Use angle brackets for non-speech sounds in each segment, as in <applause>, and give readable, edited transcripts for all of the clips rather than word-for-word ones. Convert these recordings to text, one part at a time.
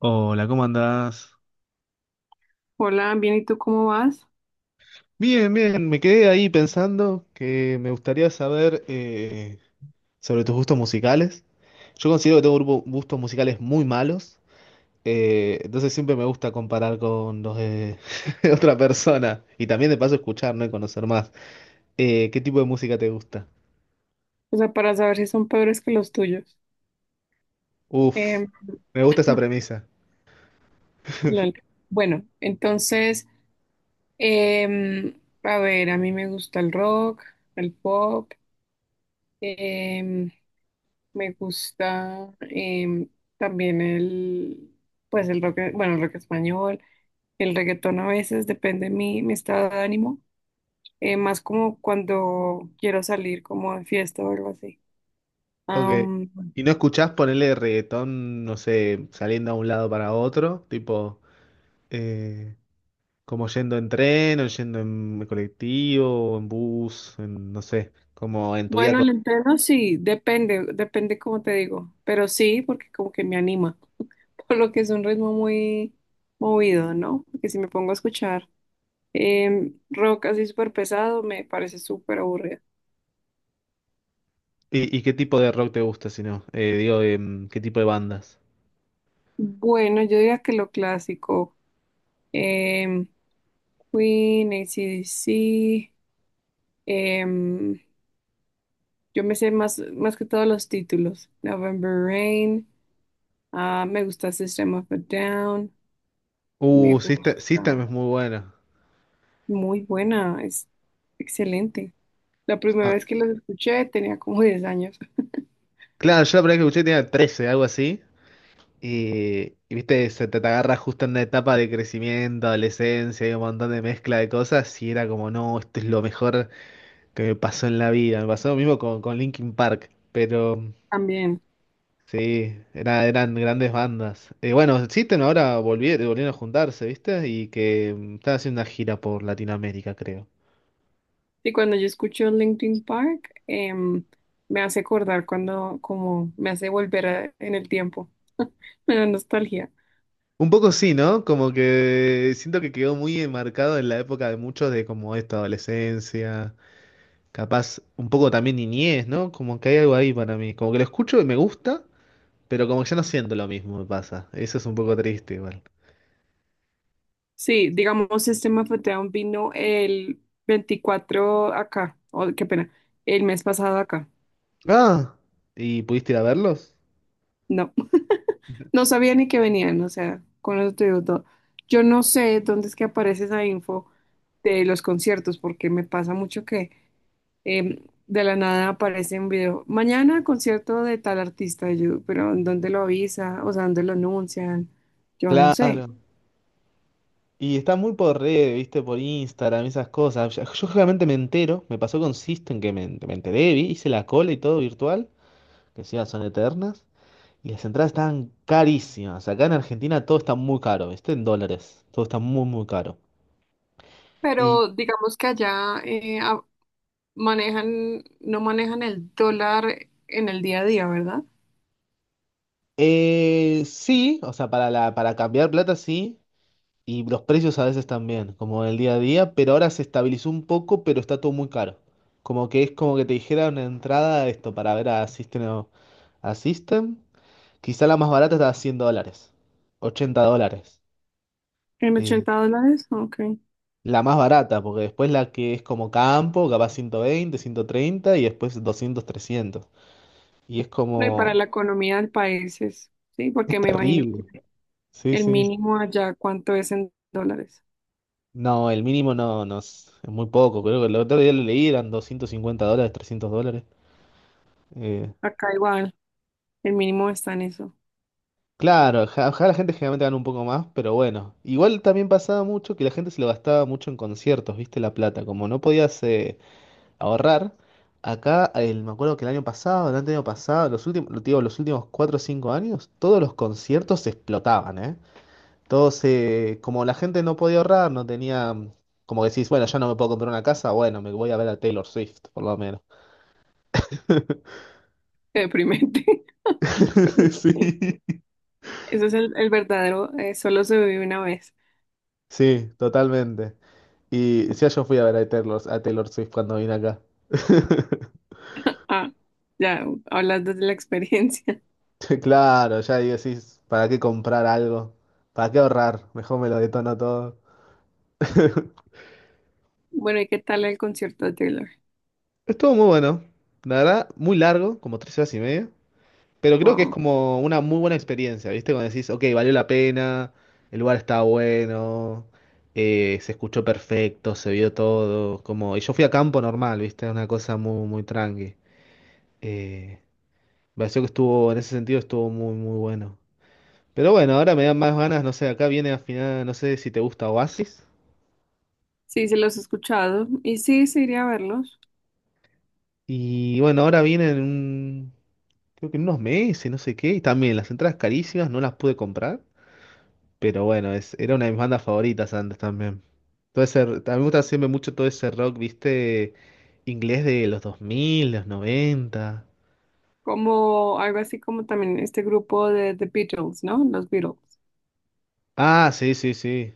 Hola, ¿cómo andás? Hola, bien, ¿y tú cómo vas? Bien, bien, me quedé ahí pensando que me gustaría saber sobre tus gustos musicales. Yo considero que tengo gustos musicales muy malos, entonces siempre me gusta comparar con los de, <laughs> de otra persona y también de paso escuchar, ¿no? Y conocer más. ¿Qué tipo de música te gusta? O sea, para saber si son peores que los tuyos. Uf, Em, me gusta esa premisa. lol. Bueno, entonces, a ver, a mí me gusta el rock, el pop, em, me gusta también el, pues el rock, bueno, el rock español, el reggaetón a veces, depende mi estado de ánimo, más como cuando quiero salir como de fiesta o algo así. Ok. ¿Y no escuchás ponerle reggaetón, no sé, saliendo a un lado para otro? Tipo... eh, como yendo en tren, o yendo en colectivo, o en bus, en, no sé, como en tu vida. Bueno, lentejas sí, depende, depende como te digo, pero sí, porque como que me anima, <laughs> por lo que es un ritmo muy movido, ¿no? Porque si me pongo a escuchar rock así súper pesado, me parece súper aburrido. ¿Y qué tipo de rock te gusta, si no? Digo, ¿qué tipo de bandas? Bueno, yo diría que lo clásico, em, Queen, AC/DC, em, yo me sé más, más que todos los títulos, November Rain. Ah, me gusta System of a Down, me System, gusta... System es muy bueno. Muy buena, es excelente. La primera Ah, vez que los escuché tenía como <laughs> 10 años claro, yo la primera vez que escuché tenía 13, algo así. Y, viste, se te agarra justo en una etapa de crecimiento, adolescencia, y un montón de mezcla de cosas. Y era como, no, esto es lo mejor que me pasó en la vida. Me pasó lo mismo con Linkin Park. Pero. también. Sí, eran grandes bandas. Bueno, existen ahora, volvieron a juntarse, ¿viste? Y que están haciendo una gira por Latinoamérica, creo. Y cuando yo escucho Linkin Park, me hace acordar cuando, como me hace volver a- en el tiempo, <laughs> me da nostalgia. Un poco sí, ¿no? Como que siento que quedó muy enmarcado en la época de muchos de como esta adolescencia, capaz un poco también niñez, ¿no? Como que hay algo ahí para mí. Como que lo escucho y me gusta, pero como que ya no siento lo mismo, me pasa. Eso es un poco triste igual. Sí, digamos, System of a Down vino el 24 acá, oh, qué pena, el mes pasado acá. Ah, ¿y pudiste ir a verlos? No, <laughs> no sabía ni que venían, o sea, con eso te digo todo. Yo no sé dónde es que aparece esa info de los conciertos, porque me pasa mucho que de la nada aparece un video. Mañana concierto de tal artista, y yo, pero ¿en ¿dónde lo avisa? O sea, ¿dónde lo anuncian? Yo no sé. Claro. Y está muy por red, viste, por Instagram, esas cosas. Yo generalmente me entero, me pasó con System que me enteré, vi, hice la cola y todo virtual, que sí, son eternas, y las entradas estaban carísimas. Acá en Argentina todo está muy caro, viste, en dólares, todo está muy, muy caro. Y Pero digamos que allá manejan, no manejan el dólar en el día a día, ¿verdad? Sí, o sea, para cambiar plata sí, y los precios a veces también, como el día a día, pero ahora se estabilizó un poco, pero está todo muy caro. Como que es como que te dijera una entrada esto para ver a System, a System. Quizá la más barata está a $100, $80. ¿En Eh, $80? Ok. la más barata, porque después la que es como campo, capaz 120, 130 y después 200, 300. Y es No, y para como la economía del país es, sí, es porque me imagino terrible. que Sí, el sí. mínimo allá, ¿cuánto es en dólares? No, el mínimo no, no es muy poco. Creo que el otro día lo leí, eran $250, $300. Eh, Acá igual, el mínimo está en eso. claro, acá la gente generalmente gana un poco más, pero bueno. Igual también pasaba mucho que la gente se lo gastaba mucho en conciertos, ¿viste? La plata. Como no podías... ahorrar. Acá, me acuerdo que el año pasado, los últimos, digo, los últimos 4 o 5 años, todos los conciertos se explotaban, ¿eh? Todos, como la gente no podía ahorrar, no tenía, como que decís, bueno, ya no me puedo comprar una casa, bueno, me voy a ver a Taylor Swift, por lo menos. <laughs> Qué deprimente. <laughs> Sí, Eso es el verdadero, solo se vive una vez. sí, totalmente. Y ya yo fui a ver a Taylor Swift cuando vine acá. <laughs> Ah, ya hablas desde la experiencia. <laughs> Claro, ya ahí decís, ¿para qué comprar algo? ¿Para qué ahorrar? Mejor me lo detono todo. <laughs> Bueno, ¿y qué tal el concierto de Taylor? Estuvo muy bueno. La verdad, muy largo, como 3 horas y media. Pero creo que es Wow. como una muy buena experiencia, ¿viste? Cuando decís, ok, valió la pena, el lugar estaba bueno, se escuchó perfecto, se vio todo. Como... Y yo fui a campo normal, ¿viste? Una cosa muy, muy tranqui. Eh, me pareció que estuvo, en ese sentido, estuvo muy, muy bueno. Pero bueno, ahora me dan más ganas, no sé, acá viene al final, no sé si te gusta Oasis. Sí, se los he escuchado y sí, sí iría a verlos. Y bueno, ahora viene un creo que en unos meses, no sé qué, y también las entradas carísimas, no las pude comprar, pero bueno, es, era una de mis bandas favoritas antes también. Todo ese, a mí me gusta siempre mucho todo ese rock, viste, inglés de los dos mil los noventa. Como algo así como también este grupo de The Beatles, ¿no? Los Beatles. Ah, sí, sí, sí,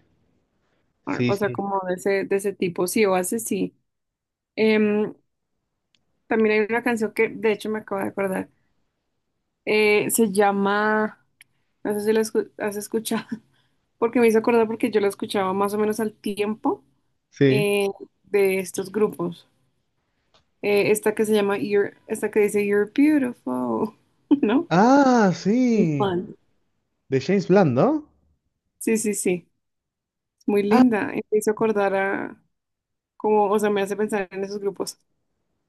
Una sí, cosa sí, como de ese tipo. Sí, o hace sí. Em, también hay una canción que de hecho me acabo de acordar. Se llama, no sé si la has escuchado, <laughs> porque me hizo acordar porque yo la escuchaba más o menos al tiempo. sí. eh, de estos grupos. Esta que se llama esta que dice You're Beautiful, <laughs> ¿no? Ah, sí, Y Juan. de James Blunt, ¿no? Sí, sí, sí. Es muy linda. Y me hizo acordar a como, o sea, me hace pensar en esos grupos.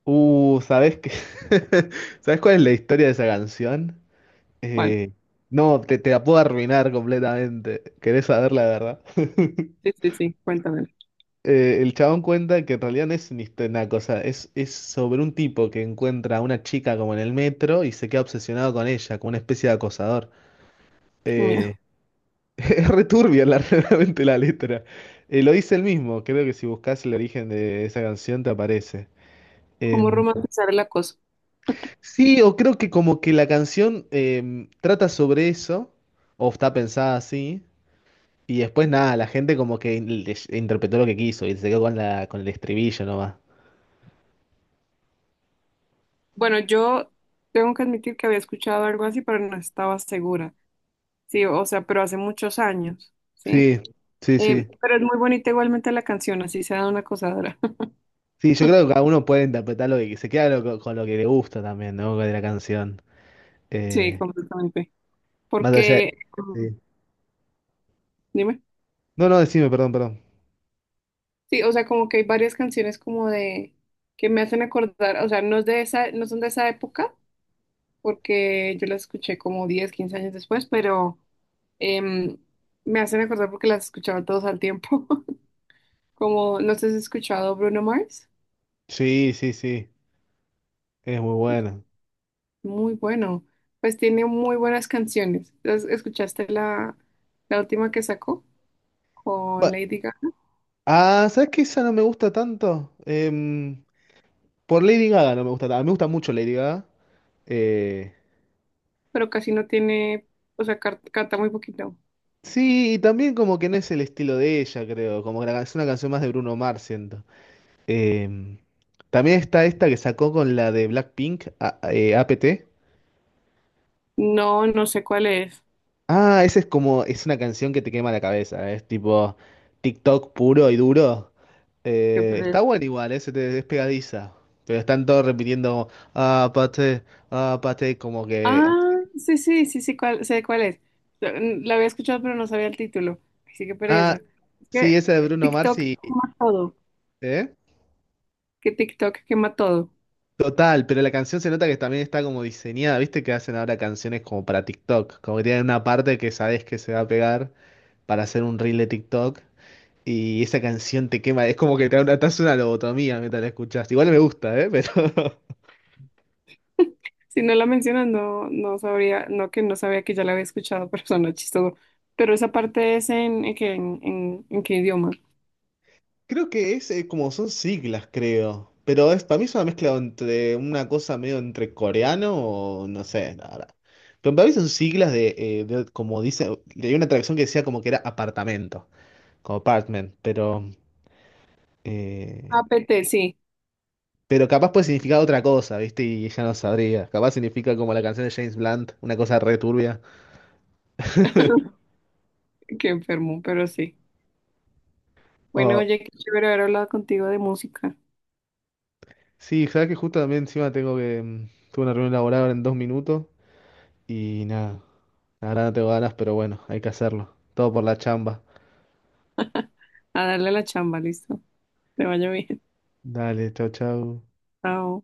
¿Sabes qué? <laughs> ¿Sabes cuál es la historia de esa canción? ¿Cuál? Eh, no, te la puedo arruinar completamente. ¿Querés saber la verdad? <laughs> Sí, sí, sí. Cuéntame. El chabón cuenta que en realidad no es ni este naco, es sobre un tipo que encuentra a una chica como en el metro y se queda obsesionado con ella, como una especie de acosador. Qué Eh, miedo. <laughs> es returbia la, <laughs> realmente la letra. Lo dice él mismo, creo que si buscas el origen de esa canción te aparece. ¿Cómo Em, romantizar el acoso? sí, o creo que como que la canción trata sobre eso, o está pensada así, y después nada, la gente como que interpretó lo que quiso y se quedó con la, con el estribillo nomás. Bueno, yo tengo que admitir que había escuchado algo así, pero no estaba segura. Sí, o sea, pero hace muchos años, ¿sí? Sí, sí, sí. Pero es muy bonita igualmente la canción, así sea de una acosadora. Sí, yo creo que <laughs> cada uno puede interpretar lo que se queda con lo que le gusta también, ¿no? De la canción. Sí, Eh, completamente. más allá porque, mm, sí. dime, No, no, decime, perdón, perdón. sí, o sea, como que hay varias canciones como de, que me hacen acordar, o sea, no es de esa, no son de esa época, porque yo las escuché como 10 15 años después, pero em, me hacen acordar porque las escuchaba todos al tiempo, <laughs> como, no sé si has escuchado Bruno Mars. Sí, sí, sí. Es muy Entonces, buena. muy bueno, pues tiene muy buenas canciones. ¿Escuchaste la, la última que sacó con Bueno, Lady Gaga? ah, ¿sabes qué? Esa no me gusta tanto. Por Lady Gaga no me gusta tanto. Me gusta mucho Lady Gaga. Eh, Pero casi no tiene, o sea, canta muy poquito. sí, y también como que no es el estilo de ella, creo. Como que la es una canción más de Bruno Mars, siento. Em, también está esta que sacó con la de Blackpink, APT. No, no sé cuál es. Ah, ese es como, es una canción que te quema la cabeza, es tipo TikTok puro y duro. ¿Qué poner? Está bueno igual, ese te, es pegadiza. Pero están todos repitiendo, ah, pate, ah, pate, como que... Ah, sí, sí, sí, sí, cuál, sé cuál es. Mm, la había escuchado, pero no sabía el título. Así que Ah, pereza. Es que sí, esa de Bruno Mars TikTok y... quema todo. ¿eh? Que TikTok quema todo. Total, pero la canción se nota que también está como diseñada, ¿viste? Que hacen ahora canciones como para TikTok, como que tienen una parte que sabes que se va a pegar para hacer un reel de TikTok. Y esa canción te quema, es como que te hace una lobotomía mientras la escuchas. Igual me gusta, ¿eh? Pero <laughs> Si no la mencionas, no, no sabría, no que no sabía que ya la había escuchado, <laughs> pero suena chistoso. Pero esa parte es en, en, en qué idioma. creo que es como son siglas, creo. Pero es, para mí es una mezcla entre una cosa medio entre coreano o no sé, la verdad. Pero para mí son siglas de, como dice, leí una traducción que decía como que era apartamento, como apartment, eh, APT, sí, pero capaz puede significar otra cosa, ¿viste? Y ella no sabría. Capaz significa como la canción de James Blunt, una cosa re turbia. que enfermo, pero sí. Bueno, oye, qué chévere haber hablado contigo de música. Sí, sabes que justo también encima tengo que. Tuve una reunión laboral ahora en 2 minutos y nada. Ahora no tengo ganas, pero bueno, hay que hacerlo. Todo por la chamba. A darle la chamba, listo. Te vaya bien. Dale, chau, chau. Chao.